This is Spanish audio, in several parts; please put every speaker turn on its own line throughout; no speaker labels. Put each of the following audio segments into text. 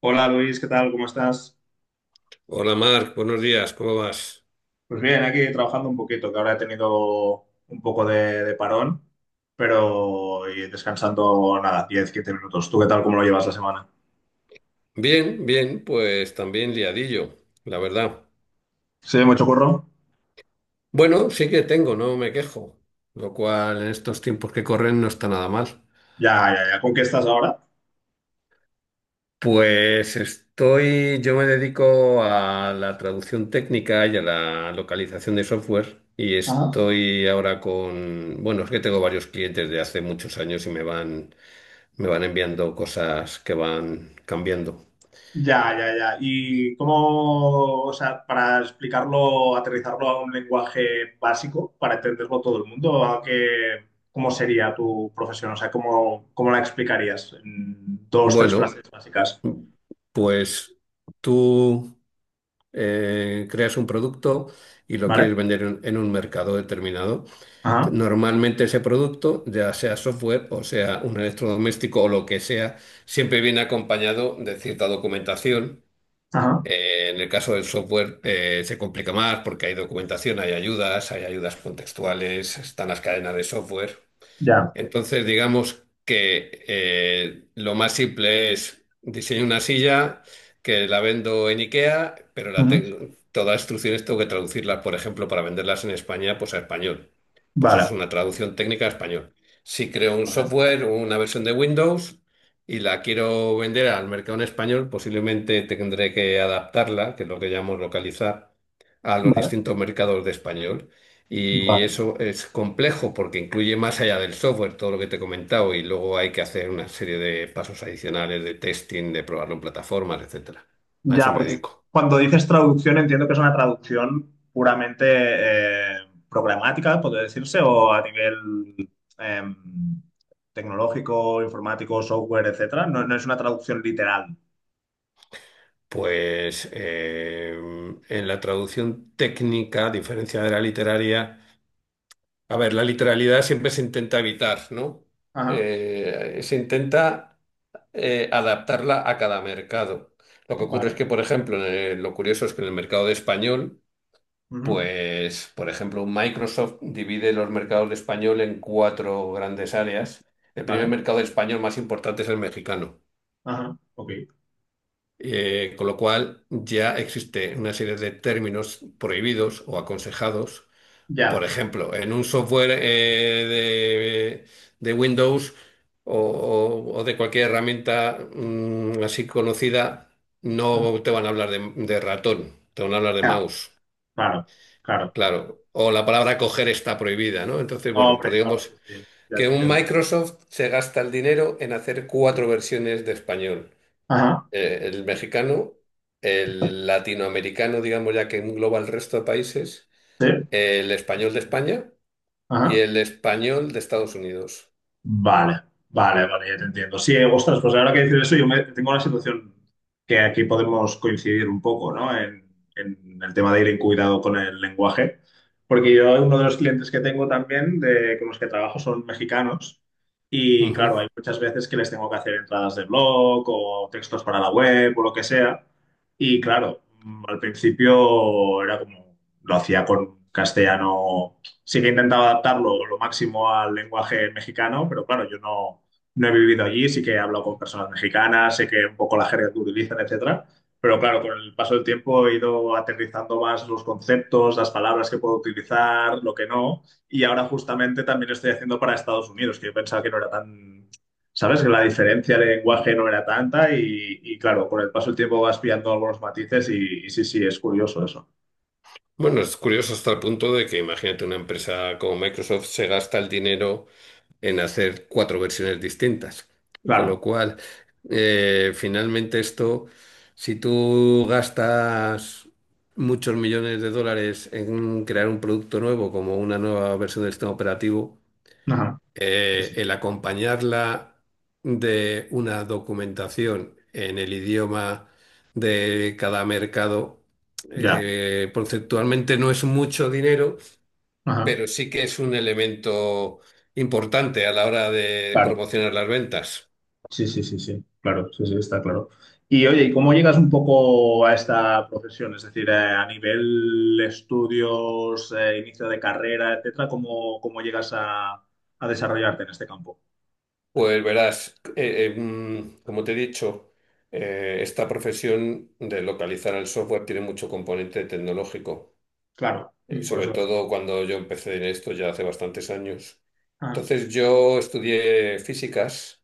Hola Luis, ¿qué tal? ¿Cómo estás?
Hola Marc, buenos días, ¿cómo vas?
Pues bien, aquí trabajando un poquito, que ahora he tenido un poco de parón, pero y descansando nada, 10 15 minutos. ¿Tú qué tal? ¿Cómo lo llevas la semana?
Bien, bien, pues también liadillo, la verdad.
Sí, mucho curro.
Bueno, sí que tengo, no me quejo, lo cual en estos tiempos que corren no está nada mal.
Ya, ya, ya. ¿Con qué estás ahora?
Pues estoy, yo me dedico a la traducción técnica y a la localización de software y
Ajá.
estoy ahora con, bueno, es que tengo varios clientes de hace muchos años y me van enviando cosas que van cambiando.
Ya, ya, ya. ¿Y cómo, o sea, para explicarlo, aterrizarlo a un lenguaje básico, para entenderlo todo el mundo, cómo sería tu profesión? O sea, ¿cómo la explicarías en dos, tres
Bueno,
frases básicas?
pues tú... creas un producto y lo quieres
¿Vale?
vender en un mercado determinado.
Ajá.
Normalmente ese producto, ya sea software o sea un electrodoméstico o lo que sea, siempre viene acompañado de cierta documentación.
Ajá,
En el caso del software se complica más porque hay documentación, hay ayudas contextuales, están las cadenas de software.
ya.
Entonces, digamos que lo más simple es diseño una silla que la vendo en IKEA, pero la
Ujú.
tengo, todas las instrucciones tengo que traducirlas, por ejemplo, para venderlas en España, pues a español. Pues es
Vale,
una traducción técnica a español. Si creo un
vale,
software o una versión de Windows y la quiero vender al mercado en español, posiblemente tendré que adaptarla, que es lo que llamamos localizar, a los
vale,
distintos mercados de español. Y
vale.
eso es complejo porque incluye más allá del software todo lo que te he comentado y luego hay que hacer una serie de pasos adicionales de testing, de probarlo en plataformas, etcétera. A eso
Ya,
me
porque
dedico.
cuando dices traducción entiendo que es una traducción puramente eh, programática, podría decirse, o a nivel em, tecnológico, informático, software, etcétera. No, no es una traducción literal.
Pues en la traducción técnica, a diferencia de la literaria, a ver, la literalidad siempre se intenta evitar, ¿no?
Ajá,
Se intenta adaptarla a cada mercado. Lo que ocurre es
vale.
que, por ejemplo, lo curioso es que en el mercado de español,
Ujú.
pues, por ejemplo, Microsoft divide los mercados de español en cuatro grandes áreas. El primer
Vale,
mercado de español más importante es el mexicano,
ajá, ok.
con lo cual ya existe una serie de términos prohibidos o aconsejados. Por
Ya.
ejemplo, en un software de Windows o de cualquier herramienta así conocida,
Ajá.
no te van a hablar de ratón, te van a hablar de
Ya.
mouse.
Claro, claro.
Claro, o la palabra coger está prohibida, ¿no? Entonces, bueno, pues
Hombre, claro, sí,
digamos
sí, ya
que
te
un
entiendo.
Microsoft se gasta el dinero en hacer cuatro versiones de español.
Ajá,
El mexicano, el latinoamericano, digamos ya que engloba el resto de países,
sí,
el español de España y
ajá.
el español de Estados Unidos.
Vale, vale, vale, ya te entiendo. Sí, ostras, pues ahora que dices eso, tengo una situación que aquí podemos coincidir un poco, ¿no? En el tema de ir en cuidado con el lenguaje, porque yo uno de los clientes que tengo también, con los que trabajo, son mexicanos y claro,
Ujú.
hay muchas veces que les tengo que hacer entradas de blog o textos para la web o lo que sea. Y claro, al principio era como, lo hacía con castellano sí que he intentado adaptarlo lo máximo al lenguaje mexicano, pero claro, yo no he vivido allí, sí que he hablado con personas mexicanas, sé que un poco la jerga que utilizan, etcétera. Pero claro, con el paso del tiempo he ido aterrizando más los conceptos, las palabras que puedo utilizar, lo que no. Y ahora justamente también lo estoy haciendo para Estados Unidos, que yo pensaba que no era tan, ¿sabes? Que la diferencia de lenguaje no era tanta y claro, con el paso del tiempo vas pillando algunos matices y sí, sí, es curioso eso.
Bueno, es curioso hasta el punto de que imagínate una empresa como Microsoft se gasta el dinero en hacer cuatro versiones distintas. Con
Claro,
lo cual, eh, finalmente esto, si tú gastas muchos millones de dólares en crear un producto nuevo, como una nueva versión del sistema operativo,
ajá, sí, sí.
el acompañarla de una documentación en el idioma de cada mercado,
Ya,
conceptualmente no es mucho dinero,
ajá.
pero sí que es un elemento importante a la hora de
Claro.
promocionar las ventas.
Sí, sí, sí, sí, claro, sí, sí, está claro. Y oye, ¿y cómo llegas un poco a esta profesión? Es decir, a nivel estudios, inicio de carrera, etcétera, ¿cómo llegas a desarrollarte en este campo?
Pues verás, como te he dicho, esta profesión de localizar el software tiene mucho componente tecnológico,
Claro, por
sobre
eso.
todo cuando yo empecé en esto ya hace bastantes años.
Ajá,
Entonces yo estudié físicas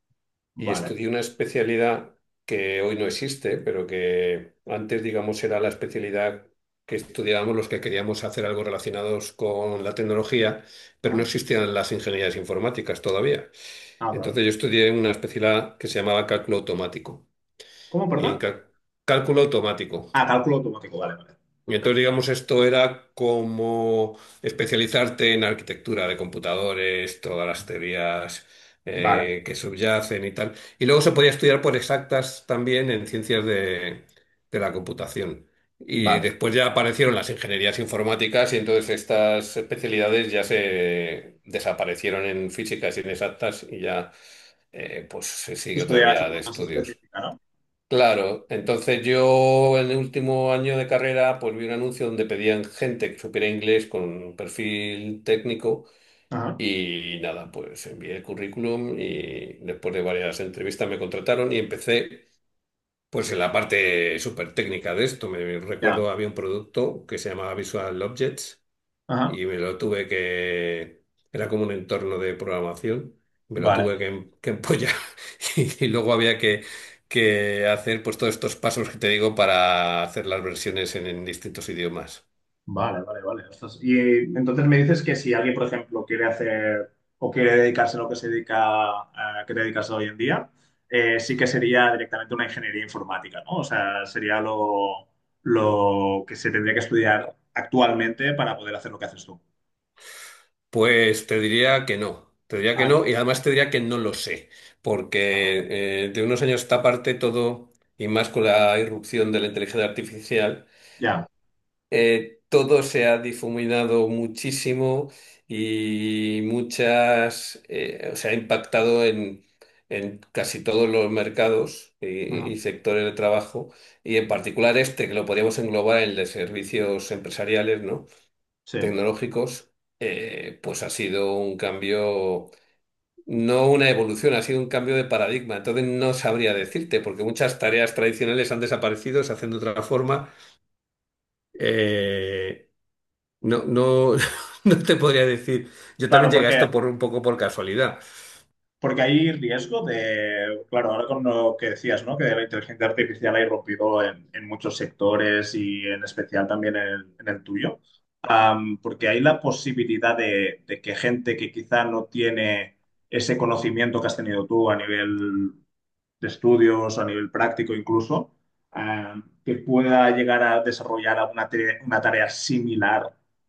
y
vale.
estudié una especialidad que hoy no existe, pero que antes, digamos, era la especialidad que estudiábamos los que queríamos hacer algo relacionados con la tecnología, pero no
Ajá.
existían las ingenierías informáticas todavía.
Ah, vale.
Entonces yo estudié una especialidad que se llamaba cálculo automático.
¿Cómo,
Y
perdón?
en cal- Cálculo automático,
Ah, cálculo automático, vale, vale.
y entonces, digamos, esto era como especializarte en arquitectura de computadores, todas las teorías
Vale,
que subyacen y tal. Y luego se podía estudiar por exactas también en ciencias de la computación. Y
vale.
después ya aparecieron las ingenierías informáticas y entonces estas especialidades ya se desaparecieron en físicas inexactas y ya pues se sigue otra
Estudiar de
vía
forma
de
más
estudios.
específica, ¿no?
Claro, entonces yo en el último año de carrera pues vi un anuncio donde pedían gente que supiera inglés con un perfil técnico
Ajá,
y nada, pues envié el currículum y después de varias entrevistas me contrataron y empecé pues en la parte súper técnica de esto. Me
ya.
recuerdo había un producto que se llamaba Visual Objects
Ajá,
y me lo tuve que, era como un entorno de programación, me lo tuve
vale.
que, em- que empollar y luego había que hacer pues todos estos pasos que te digo para hacer las versiones en distintos idiomas.
Vale, vale, vale. Ostras. Y entonces me dices que si alguien, por ejemplo, quiere hacer o quiere dedicarse a lo que se dedica, que te dedicas hoy en día, sí que sería directamente una ingeniería informática, ¿no? O sea, sería lo que se tendría que estudiar actualmente para poder hacer lo que haces tú.
Pues te diría que no, te diría que
Ah,
no y además te diría que no lo sé, porque de unos años a esta parte todo, y más con la irrupción de la inteligencia artificial,
ya.
todo se ha difuminado muchísimo y o sea, ha impactado en casi todos los mercados
Ajá.
y sectores de trabajo, y en particular este, que lo podríamos englobar en el de servicios empresariales, ¿no?
Sí.
Tecnológicos, pues ha sido un cambio. No una evolución, ha sido un cambio de paradigma. Entonces no sabría decirte, porque muchas tareas tradicionales han desaparecido, se hacen de otra forma. Eh, no, no te podría decir. Yo también
Claro,
llegué a
porque
esto por un poco por casualidad.
Porque hay riesgo de, claro, ahora con lo que decías, ¿no? Que la inteligencia artificial ha irrumpido en muchos sectores y en especial también en el tuyo. Porque hay la posibilidad de que gente que quizá no tiene ese conocimiento que has tenido tú a nivel de estudios, a nivel práctico incluso, eh, que pueda llegar a desarrollar una tarea similar,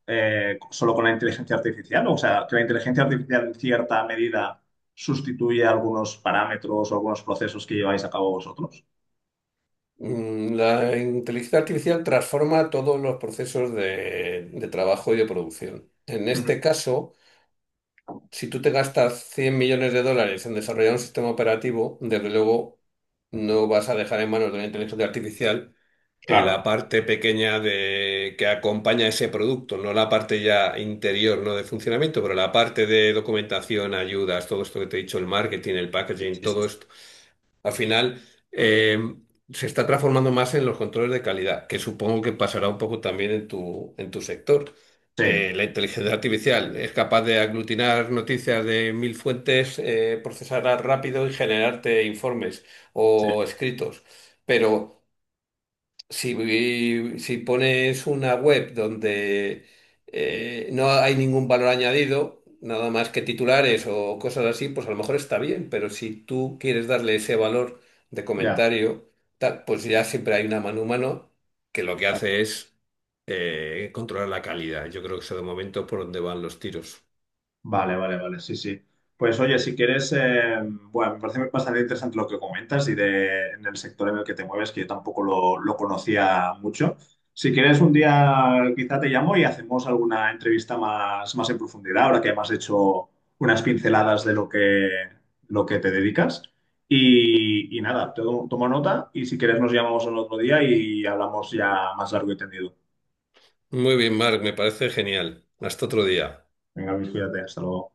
solo con la inteligencia artificial. O sea, que la inteligencia artificial en cierta medida sustituye algunos parámetros o algunos procesos que lleváis a cabo vosotros.
La inteligencia artificial transforma todos los procesos de trabajo y de producción. En
Ujú.
este caso, si tú te gastas 100 millones de dólares en desarrollar un sistema operativo, desde luego no vas a dejar en manos de la inteligencia artificial
Claro,
la parte pequeña de que acompaña ese producto, no la parte ya interior, no de funcionamiento, pero la parte de documentación, ayudas, todo esto que te he dicho, el marketing, el packaging, todo esto. Al final eh, se está transformando más en los controles de calidad, que supongo que pasará un poco también en tu sector.
sí,
La inteligencia artificial es capaz de aglutinar noticias de 1.000 fuentes, procesarlas rápido y generarte informes
sí.
o escritos. Pero si pones una web donde no hay ningún valor añadido, nada más que titulares o cosas así, pues a lo mejor está bien, pero si tú quieres darle ese valor de
Ya.
comentario, tal, pues ya siempre hay una mano humano que lo que hace es controlar la calidad. Yo creo que eso de momento por donde van los tiros.
Vale, vale, vale, sí, sí. Pues oye, si quieres, bueno, me parece bastante interesante lo que comentas y en el sector en el que te mueves, que yo tampoco lo conocía mucho. Si quieres, un día quizá te llamo y hacemos alguna entrevista más, más en profundidad, ahora que me has hecho unas pinceladas de lo que te dedicas. Y nada, tomo nota y si quieres nos llamamos en otro día y hablamos ya más largo y tendido.
Muy bien, Marc, me parece genial. Hasta otro día.
Venga, Luis, cuídate, hasta luego.